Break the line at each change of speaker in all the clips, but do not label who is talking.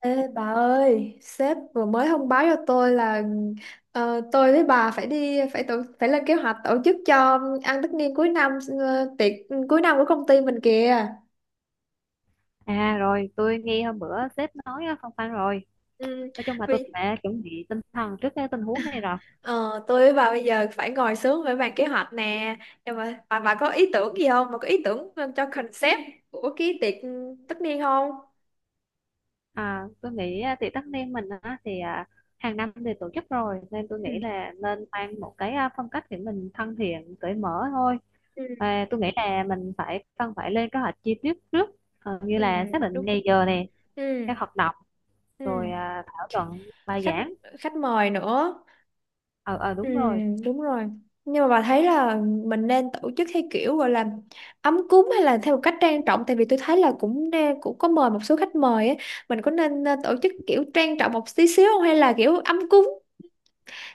Ê bà ơi, sếp vừa mới thông báo cho tôi là tôi với bà phải lên kế hoạch tổ chức cho ăn tất niên cuối năm, tiệc cuối năm của công ty mình kìa.
À rồi, tôi nghe hôm bữa sếp nói phong phanh rồi.
Ừ,
Nói chung là tôi cũng
vì
đã chuẩn bị tinh thần trước cái tình huống này rồi.
ờ, tôi với bà bây giờ phải ngồi xuống phải bàn kế hoạch nè, nhưng mà bà có ý tưởng gì không, bà có ý tưởng cho concept của cái tiệc tất niên không?
Tôi nghĩ tiệc tất niên mình á, thì hàng năm thì tổ chức rồi nên tôi nghĩ
Ừ,
là nên mang một cái phong cách để mình thân thiện, cởi mở thôi.
ừ,
Tôi nghĩ là mình cần phải lên kế hoạch chi tiết trước, như
ừ,
là xác
đúng.
định ngày giờ này,
Ừ,
các hoạt động, rồi
ừ.
thảo luận bài
khách
giảng.
khách mời nữa.
Ờ,
Ừ,
đúng rồi.
đúng rồi. Nhưng mà bà thấy là mình nên tổ chức theo kiểu gọi là ấm cúng hay là theo một cách trang trọng, tại vì tôi thấy là cũng cũng có mời một số khách mời á, mình có nên tổ chức kiểu trang trọng một tí xíu không hay là kiểu ấm cúng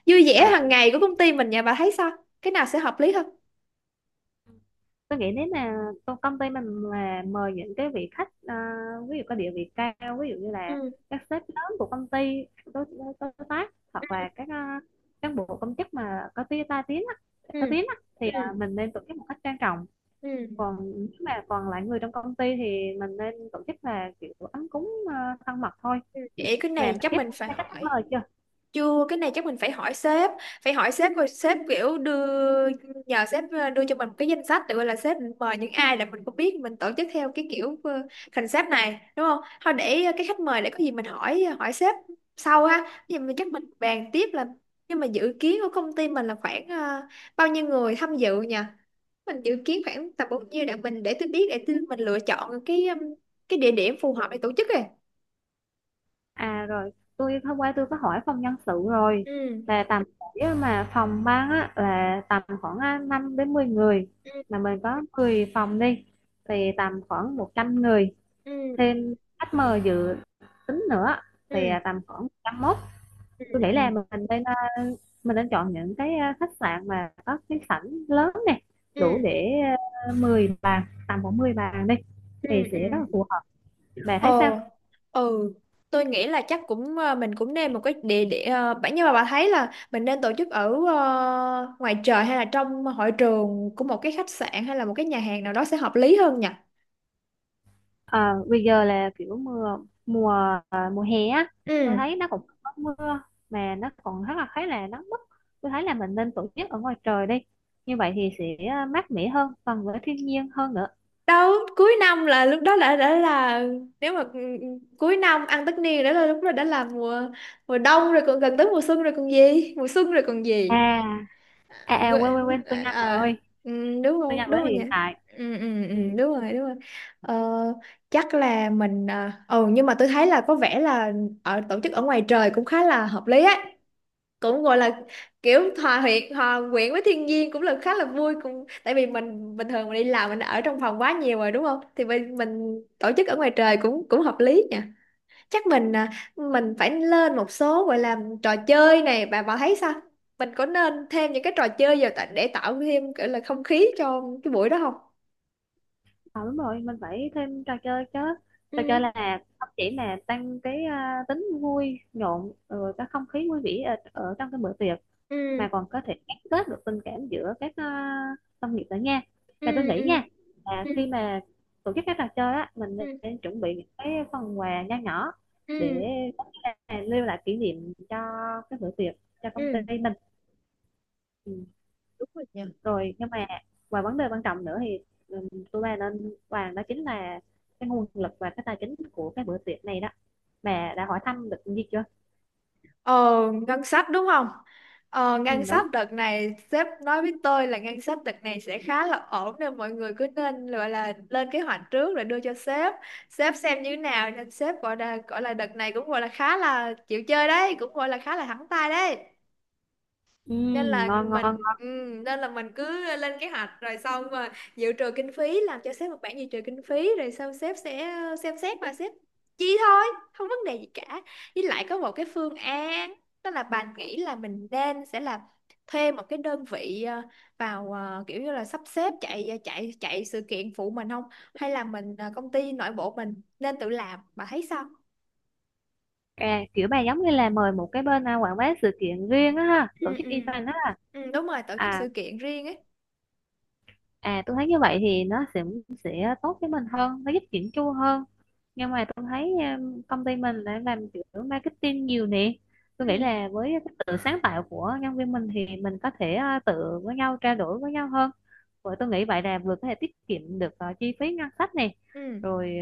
vui vẻ
À,
hàng ngày của công ty mình nhà bà thấy sao? Cái nào sẽ hợp lý hơn?
tôi nghĩ nếu mà công công ty mình mà mời những cái vị khách ví dụ có địa vị cao, ví dụ như là
Ừ,
các sếp lớn của công ty, đối tác
ừ,
hoặc là các cán bộ công chức mà có tiếng á
ừ,
thì
ừ,
mình nên tổ chức một cách trang trọng.
ừ.
Còn nếu mà còn lại người trong công ty thì mình nên tổ chức là kiểu ấm cúng, thân mật thôi.
Ừ. Vậy cái
Mà
này
bạn
chắc
biết
mình phải
các khách
hỏi.
mời chưa?
Chưa, cái này chắc mình phải hỏi sếp rồi sếp kiểu đưa, nhờ sếp đưa cho mình một cái danh sách tự gọi là sếp mời những ai là mình không biết mình tổ chức theo cái kiểu concept này đúng không? Thôi để cái khách mời để có gì mình hỏi hỏi sếp sau ha. Thì mình chắc mình bàn tiếp là nhưng mà dự kiến của công ty mình là khoảng bao nhiêu người tham dự nhỉ? Mình dự kiến khoảng tầm bao nhiêu để mình để tôi mình lựa chọn cái địa điểm phù hợp để tổ chức rồi.
À rồi, hôm qua tôi có hỏi phòng nhân sự rồi,
Ừ.
là tầm, nếu mà phòng ban á là tầm khoảng 5 đến 10 người,
Ừ.
mà mình có 10 phòng đi thì tầm khoảng 100 người,
Ừ.
thêm khách mời dự tính nữa
Ừ.
thì
Ừ.
tầm khoảng 101.
Ừ.
Tôi nghĩ
Ừ.
là mình nên mình nên chọn những cái khách sạn mà có cái sảnh lớn nè,
Ừ,
đủ để 10 bàn, tầm khoảng 10 bàn đi,
ừ,
thì
ừ,
sẽ rất là phù hợp. Bà thấy
ờ,
sao?
ừ. Tôi nghĩ là chắc cũng mình cũng nên một cái địa điểm bản, nhưng mà bà thấy là mình nên tổ chức ở ngoài trời hay là trong hội trường của một cái khách sạn hay là một cái nhà hàng nào đó sẽ hợp lý hơn nhỉ?
À, bây giờ là kiểu mưa mùa, mùa hè á, tôi
Ừ,
thấy nó cũng có mưa mà nó còn rất là khá là nắng bức, tôi thấy là mình nên tổ chức ở ngoài trời đi, như vậy thì sẽ mát mẻ hơn, gần với thiên nhiên hơn nữa.
đâu cuối năm là lúc đó đã là, nếu mà ừ, ừ, cuối năm ăn tất niên đã là lúc đó đã là mùa mùa đông rồi còn gần tới mùa xuân rồi còn gì, mùa xuân rồi còn gì.
À, à, quên
Quê-
quên quên tôi nhanh rồi
À,
ơi,
ừ,
tôi nhanh với
đúng không nhỉ?
hiện tại.
Ừ, ừ, ừ,
Ừ.
đúng rồi đúng rồi. ờ, Chắc là mình nhưng mà tôi thấy là có vẻ là ở tổ chức ở ngoài trời cũng khá là hợp lý ấy, cũng gọi là kiểu hòa quyện với thiên nhiên cũng là khá là vui, cũng tại vì mình bình thường mình đi làm mình ở trong phòng quá nhiều rồi đúng không, thì mình tổ chức ở ngoài trời cũng cũng hợp lý nhỉ. Chắc mình mình phải lên một số gọi là trò chơi này, bà thấy sao? Mình có nên thêm những cái trò chơi vào để tạo thêm kiểu là không khí cho cái buổi đó không?
À, đúng rồi, mình phải thêm trò chơi chứ. Trò chơi
Ừ,
là không chỉ là tăng cái tính vui nhộn rồi cái không khí vui vẻ ở trong cái bữa tiệc,
ừ,
mà còn có thể gắn kết được tình cảm giữa các đồng nghiệp nữa nha.
ừ,
Mà tôi nghĩ
ừ,
nha, là
ừ,
khi mà tổ chức các trò chơi á, mình
ừ,
nên chuẩn bị những cái phần quà nho nhỏ để
ừ,
có thể là lưu lại kỷ niệm cho cái bữa tiệc, cho công ty
ừ.
mình. Ừ. Rồi nhưng mà, và vấn đề quan trọng nữa thì, tôi ba nên bàn đó, chính là cái nguồn lực và cái tài chính của cái bữa tiệc này đó, mà đã hỏi thăm được gì chưa?
Ờ, ngân sách đúng không? Ờ,
Ừ,
ngân
đúng.
sách đợt này sếp nói với tôi là ngân sách đợt này sẽ khá là ổn nên mọi người cứ nên gọi là lên kế hoạch trước rồi đưa cho sếp. Sếp xem như thế nào nên sếp gọi là đợt này cũng gọi là khá là chịu chơi đấy, cũng gọi là khá là thẳng tay đấy,
Ừ,
nên là
ngon ngon.
mình cứ lên kế hoạch rồi xong mà dự trù kinh phí, làm cho sếp một bản dự trù kinh phí rồi xong sếp sẽ xem xét mà sếp chi thôi, không vấn đề gì cả. Với lại có một cái phương án đó là bạn nghĩ là mình nên sẽ là thuê một cái đơn vị vào kiểu như là sắp xếp chạy ờ, chạy chạy sự kiện phụ mình không, hay là mình công ty nội bộ mình nên tự làm, bà thấy sao?
À, kiểu bà giống như là mời một cái bên quảng bá sự kiện riêng á ha,
Ừ,
tổ chức
ừ.
event á.
Ừ, đúng rồi, tổ chức
À
sự kiện riêng ấy.
à, tôi thấy như vậy thì nó sẽ tốt với mình hơn, nó giúp chỉnh chu hơn. Nhưng mà tôi thấy công ty mình đã làm kiểu marketing nhiều nè, tôi nghĩ
Ừ,
là với cái tự sáng tạo của nhân viên mình thì mình có thể tự với nhau trao đổi với nhau hơn. Vậy tôi nghĩ vậy là vừa có thể tiết kiệm được chi phí ngân sách này,
ừ.
rồi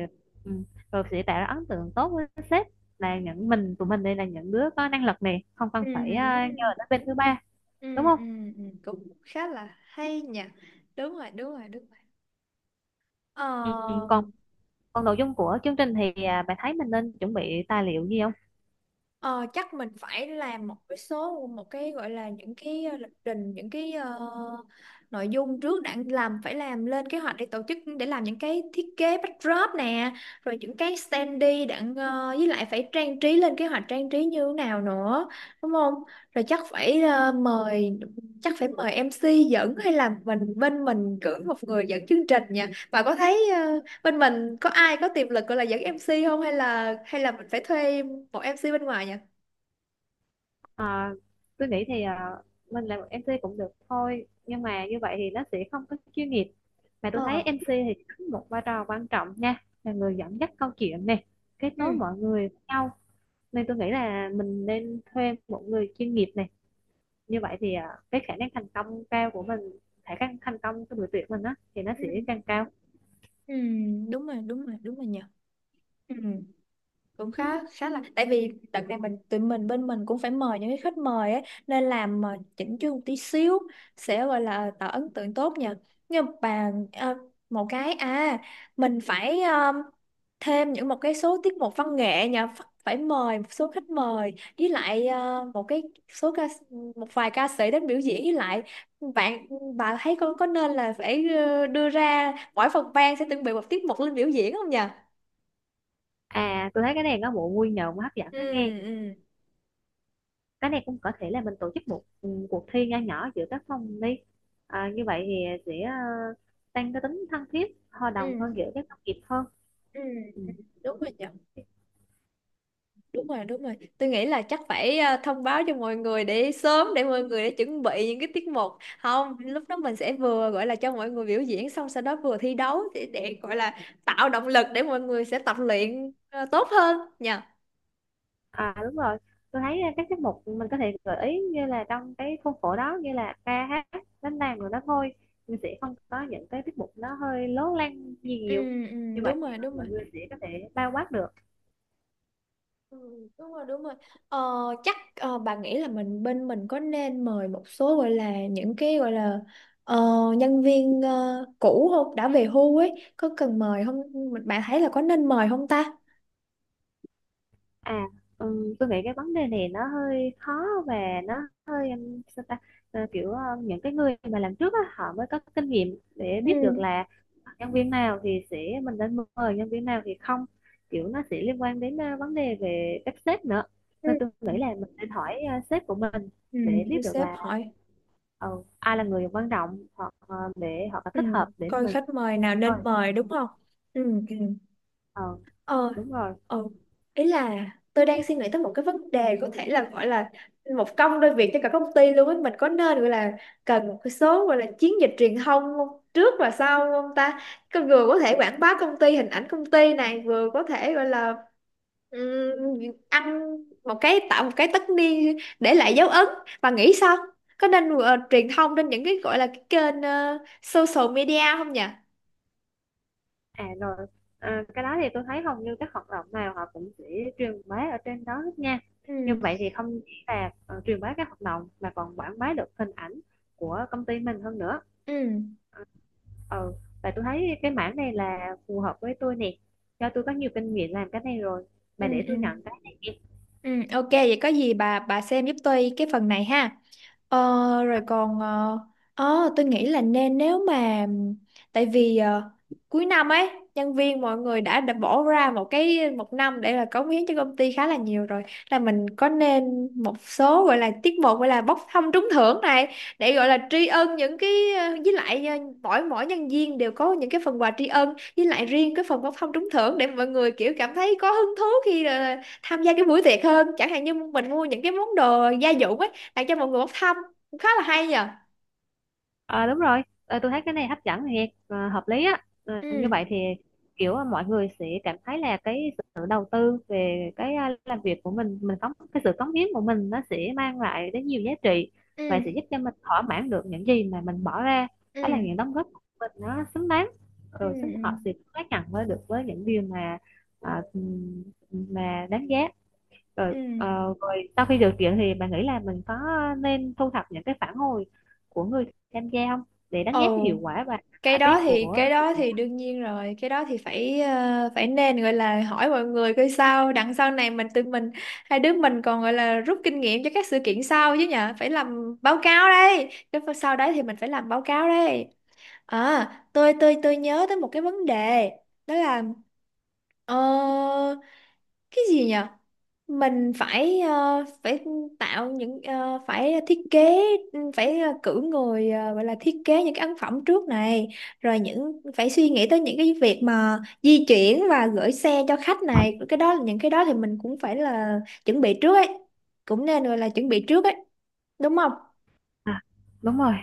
ừ, rồi sẽ tạo ra ấn tượng tốt với sếp là những mình tụi mình đây là những đứa có năng lực này, không cần
Ừ.
phải nhờ đến bên thứ 3,
Ừ,
đúng không?
ừ, ừ, cũng khá là hay nhỉ, đúng rồi đúng rồi đúng rồi. Ờ.
Ừ, ừ, còn. Còn nội dung của chương trình thì bạn thấy mình nên chuẩn bị tài liệu gì không?
Ờ, chắc mình phải làm một cái gọi là những cái lịch trình, những cái nội dung trước đã làm, phải làm lên kế hoạch để tổ chức để làm những cái thiết kế backdrop nè, rồi những cái standee đã, với lại phải trang trí, lên kế hoạch trang trí như thế nào nữa đúng không? Rồi chắc phải mời MC dẫn hay là mình bên mình cử một người dẫn chương trình nha. Bà có thấy bên mình có ai có tiềm lực gọi là dẫn MC không hay là mình phải thuê một MC bên ngoài nhỉ?
À, tôi nghĩ thì à, mình làm một MC cũng được thôi, nhưng mà như vậy thì nó sẽ không có chuyên nghiệp, mà tôi
Ờ,
thấy MC thì đóng một vai trò quan trọng nha, là người dẫn dắt câu chuyện này, kết nối
ừ,
mọi người với nhau, nên tôi nghĩ là mình nên thuê một người chuyên nghiệp này. Như vậy thì cái khả năng thành công cao của mình, khả năng thành công của buổi tuyển mình á thì nó sẽ
ừ,
càng cao.
ừ, đúng rồi đúng rồi đúng rồi nhỉ. Ừ, cũng khá khá là, tại vì đợt này mình bên mình cũng phải mời những cái khách mời ấy nên làm mà chỉnh chu một tí xíu sẽ gọi là tạo ấn tượng tốt nhỉ. Nhưng mà một cái mình phải thêm những một cái số tiết mục văn nghệ nhà Phật, phải mời một số khách mời, với lại một cái số ca, một vài ca sĩ đến biểu diễn, với lại bạn bà thấy con có nên là phải đưa ra mỗi phòng ban sẽ chuẩn bị một tiết mục lên biểu diễn không nhỉ?
À tôi thấy cái này có bộ vui nhộn hấp dẫn
Ừ,
đó nghe.
ừ.
Cái này cũng có thể là mình tổ chức một cuộc thi nho nhỏ giữa các phòng đi, à, như vậy thì sẽ tăng cái tính thân thiết hòa đồng
Ừ,
hơn giữa các đồng nghiệp hơn.
ừ,
Ừ.
ừ, đúng rồi nhỉ. Đúng rồi đúng rồi, tôi nghĩ là chắc phải thông báo cho mọi người để sớm, để mọi người để chuẩn bị những cái tiết mục, không lúc đó mình sẽ vừa gọi là cho mọi người biểu diễn xong sau đó vừa thi đấu để, gọi là tạo động lực để mọi người sẽ tập luyện tốt hơn nha.
À đúng rồi, tôi thấy các tiết mục mình có thể gợi ý như là trong cái khuôn khổ đó, như là ca hát, đánh đàn rồi đó thôi, mình sẽ không có những cái tiết mục nó hơi lố lăng gì
Ừ,
nhiều.
ừ,
Như vậy
đúng
thì
rồi đúng
mọi
rồi.
người sẽ có thể bao quát được.
Ừ, đúng rồi đúng rồi. ờ, bà nghĩ là mình bên mình có nên mời một số gọi là những cái gọi là ờ, nhân viên cũ không, đã về hưu ấy, có cần mời không? Bạn thấy là có nên mời không ta?
À, tôi nghĩ cái vấn đề này nó hơi khó, và nó sao ta. Ờ, kiểu ờ, những cái người mà làm trước á, họ mới có kinh nghiệm để
Ừ.
biết được là nhân viên nào thì sẽ, mình nên mời nhân viên nào thì không, kiểu nó sẽ liên quan đến vấn đề về cách sếp nữa,
Ừ.
nên tôi
Ừ.
nghĩ là mình nên hỏi sếp của mình
Ừ,
để
để
biết được
sếp
là
hỏi.
ờ, ai là người quan trọng, hoặc ờ, để họ
Ừ.
thích hợp để mà
Coi
mình
khách mời nào
mời.
nên mời đúng không? Ừ. Ừ.
Ờ,
Ờ.
đúng rồi.
Ừ. Ý là tôi đang suy nghĩ tới một cái vấn đề có thể là gọi là một công đôi việc cho cả công ty luôn ấy, mình có nên gọi là cần một cái số gọi là chiến dịch truyền thông không, trước và sau không ta? Cái vừa có thể quảng bá công ty, hình ảnh công ty này, vừa có thể gọi là ừm, ăn một cái tạo một cái tất niên để lại dấu ấn, và nghĩ sao, có nên truyền thông trên những cái gọi là cái kênh social media không nhỉ?
À rồi, à, cái đó thì tôi thấy hầu như các hoạt động nào họ cũng sẽ truyền bá ở trên đó hết nha. Như
Ừ.
vậy thì không chỉ là truyền bá các hoạt động mà còn quảng bá được hình ảnh của công ty mình hơn nữa.
Ừ.
Ừ, và tôi thấy cái mảng này là phù hợp với tôi nè. Do tôi có nhiều kinh nghiệm làm cái này rồi.
Ừ.
Bà để
Ừ.
tôi nhận cái này.
Ừ, ok vậy có gì bà xem giúp tôi cái phần này ha. Ờ, rồi còn tôi nghĩ là nên nếu mà tại vì cuối năm ấy, nhân viên mọi người đã bỏ ra một cái một năm để là cống hiến cho công ty khá là nhiều rồi, là mình có nên một số gọi là tiết mục gọi là bốc thăm trúng thưởng này để gọi là tri ân những cái, với lại mỗi mỗi nhân viên đều có những cái phần quà tri ân, với lại riêng cái phần bốc thăm trúng thưởng để mọi người kiểu cảm thấy có hứng thú khi tham gia cái buổi tiệc hơn, chẳng hạn như mình mua những cái món đồ gia dụng ấy tặng cho mọi người bốc thăm, cũng khá là hay nhờ.
Ờ đúng rồi, ờ, tôi thấy cái này hấp dẫn thiệt, ờ, hợp lý á. Ờ, như
Ừ,
vậy thì kiểu ờ, mọi người sẽ cảm thấy là cái sự đầu tư về cái làm việc của mình có cái sự cống hiến của mình, nó sẽ mang lại đến nhiều giá trị và sẽ
ừ,
giúp cho mình thỏa mãn được những gì mà mình bỏ ra.
ừ,
Đó là những đóng góp của mình nó xứng đáng,
ừ,
rồi xứng
ừ,
họ sẽ xác nhận với được với những điều mà ờ, mà đáng giá. Rồi
ừ.
ờ, rồi sau khi được tuyển thì bạn nghĩ là mình có nên thu thập những cái phản hồi của người tham gia không, để đánh giá cái
Ồ,
hiệu quả và
cái
cải
đó
tiến
thì
của sự kiện đó?
đương nhiên rồi, cái đó thì phải nên gọi là hỏi mọi người coi sao đằng sau này, mình tự mình hai đứa mình còn gọi là rút kinh nghiệm cho các sự kiện sau chứ nhở. Phải làm báo cáo đây, cái phần sau đấy thì mình phải làm báo cáo đây. Tôi nhớ tới một cái vấn đề, đó là ờ, cái gì nhỉ, mình phải ờ, phải tạo những, phải thiết kế, cử người gọi là thiết kế những cái ấn phẩm trước này, rồi những phải suy nghĩ tới những cái việc mà di chuyển và gửi xe cho khách này, cái đó những cái đó thì mình cũng phải là chuẩn bị trước ấy, cũng nên gọi là chuẩn bị trước ấy đúng không?
À, đúng rồi.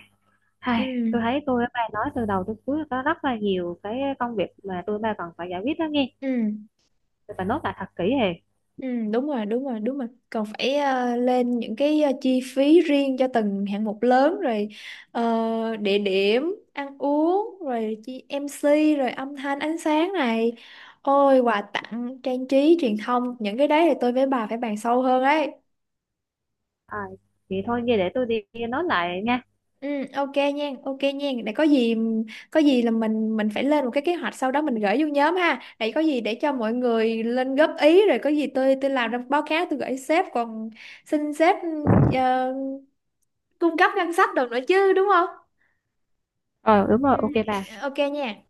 Hai, tôi
Ừ,
thấy tôi với bà nói từ đầu tới cuối có rất là nhiều cái công việc mà tôi ba còn phải giải quyết đó nghe,
ừ.
tôi phải nốt lại thật kỹ hề.
Ừ, đúng rồi, đúng rồi, đúng rồi. Còn phải lên những cái chi phí riêng cho từng hạng mục lớn rồi, địa điểm, ăn uống, rồi chi em MC, rồi âm thanh, ánh sáng này. Ôi, quà tặng, trang trí, truyền thông, những cái đấy thì tôi với bà phải bàn sâu hơn ấy.
À, vậy thôi nghe, để tôi đi nốt lại nha.
Ừ, ok nha, ok nha. Để có gì là mình phải lên một cái kế hoạch sau đó mình gửi vô nhóm ha. Để có gì để cho mọi người lên góp ý rồi có gì tôi làm ra báo cáo tôi gửi sếp, còn xin sếp uh, cung cấp ngân sách được nữa chứ đúng không?
Ờ đúng
Ừ.
rồi, ok bà.
Ok nha.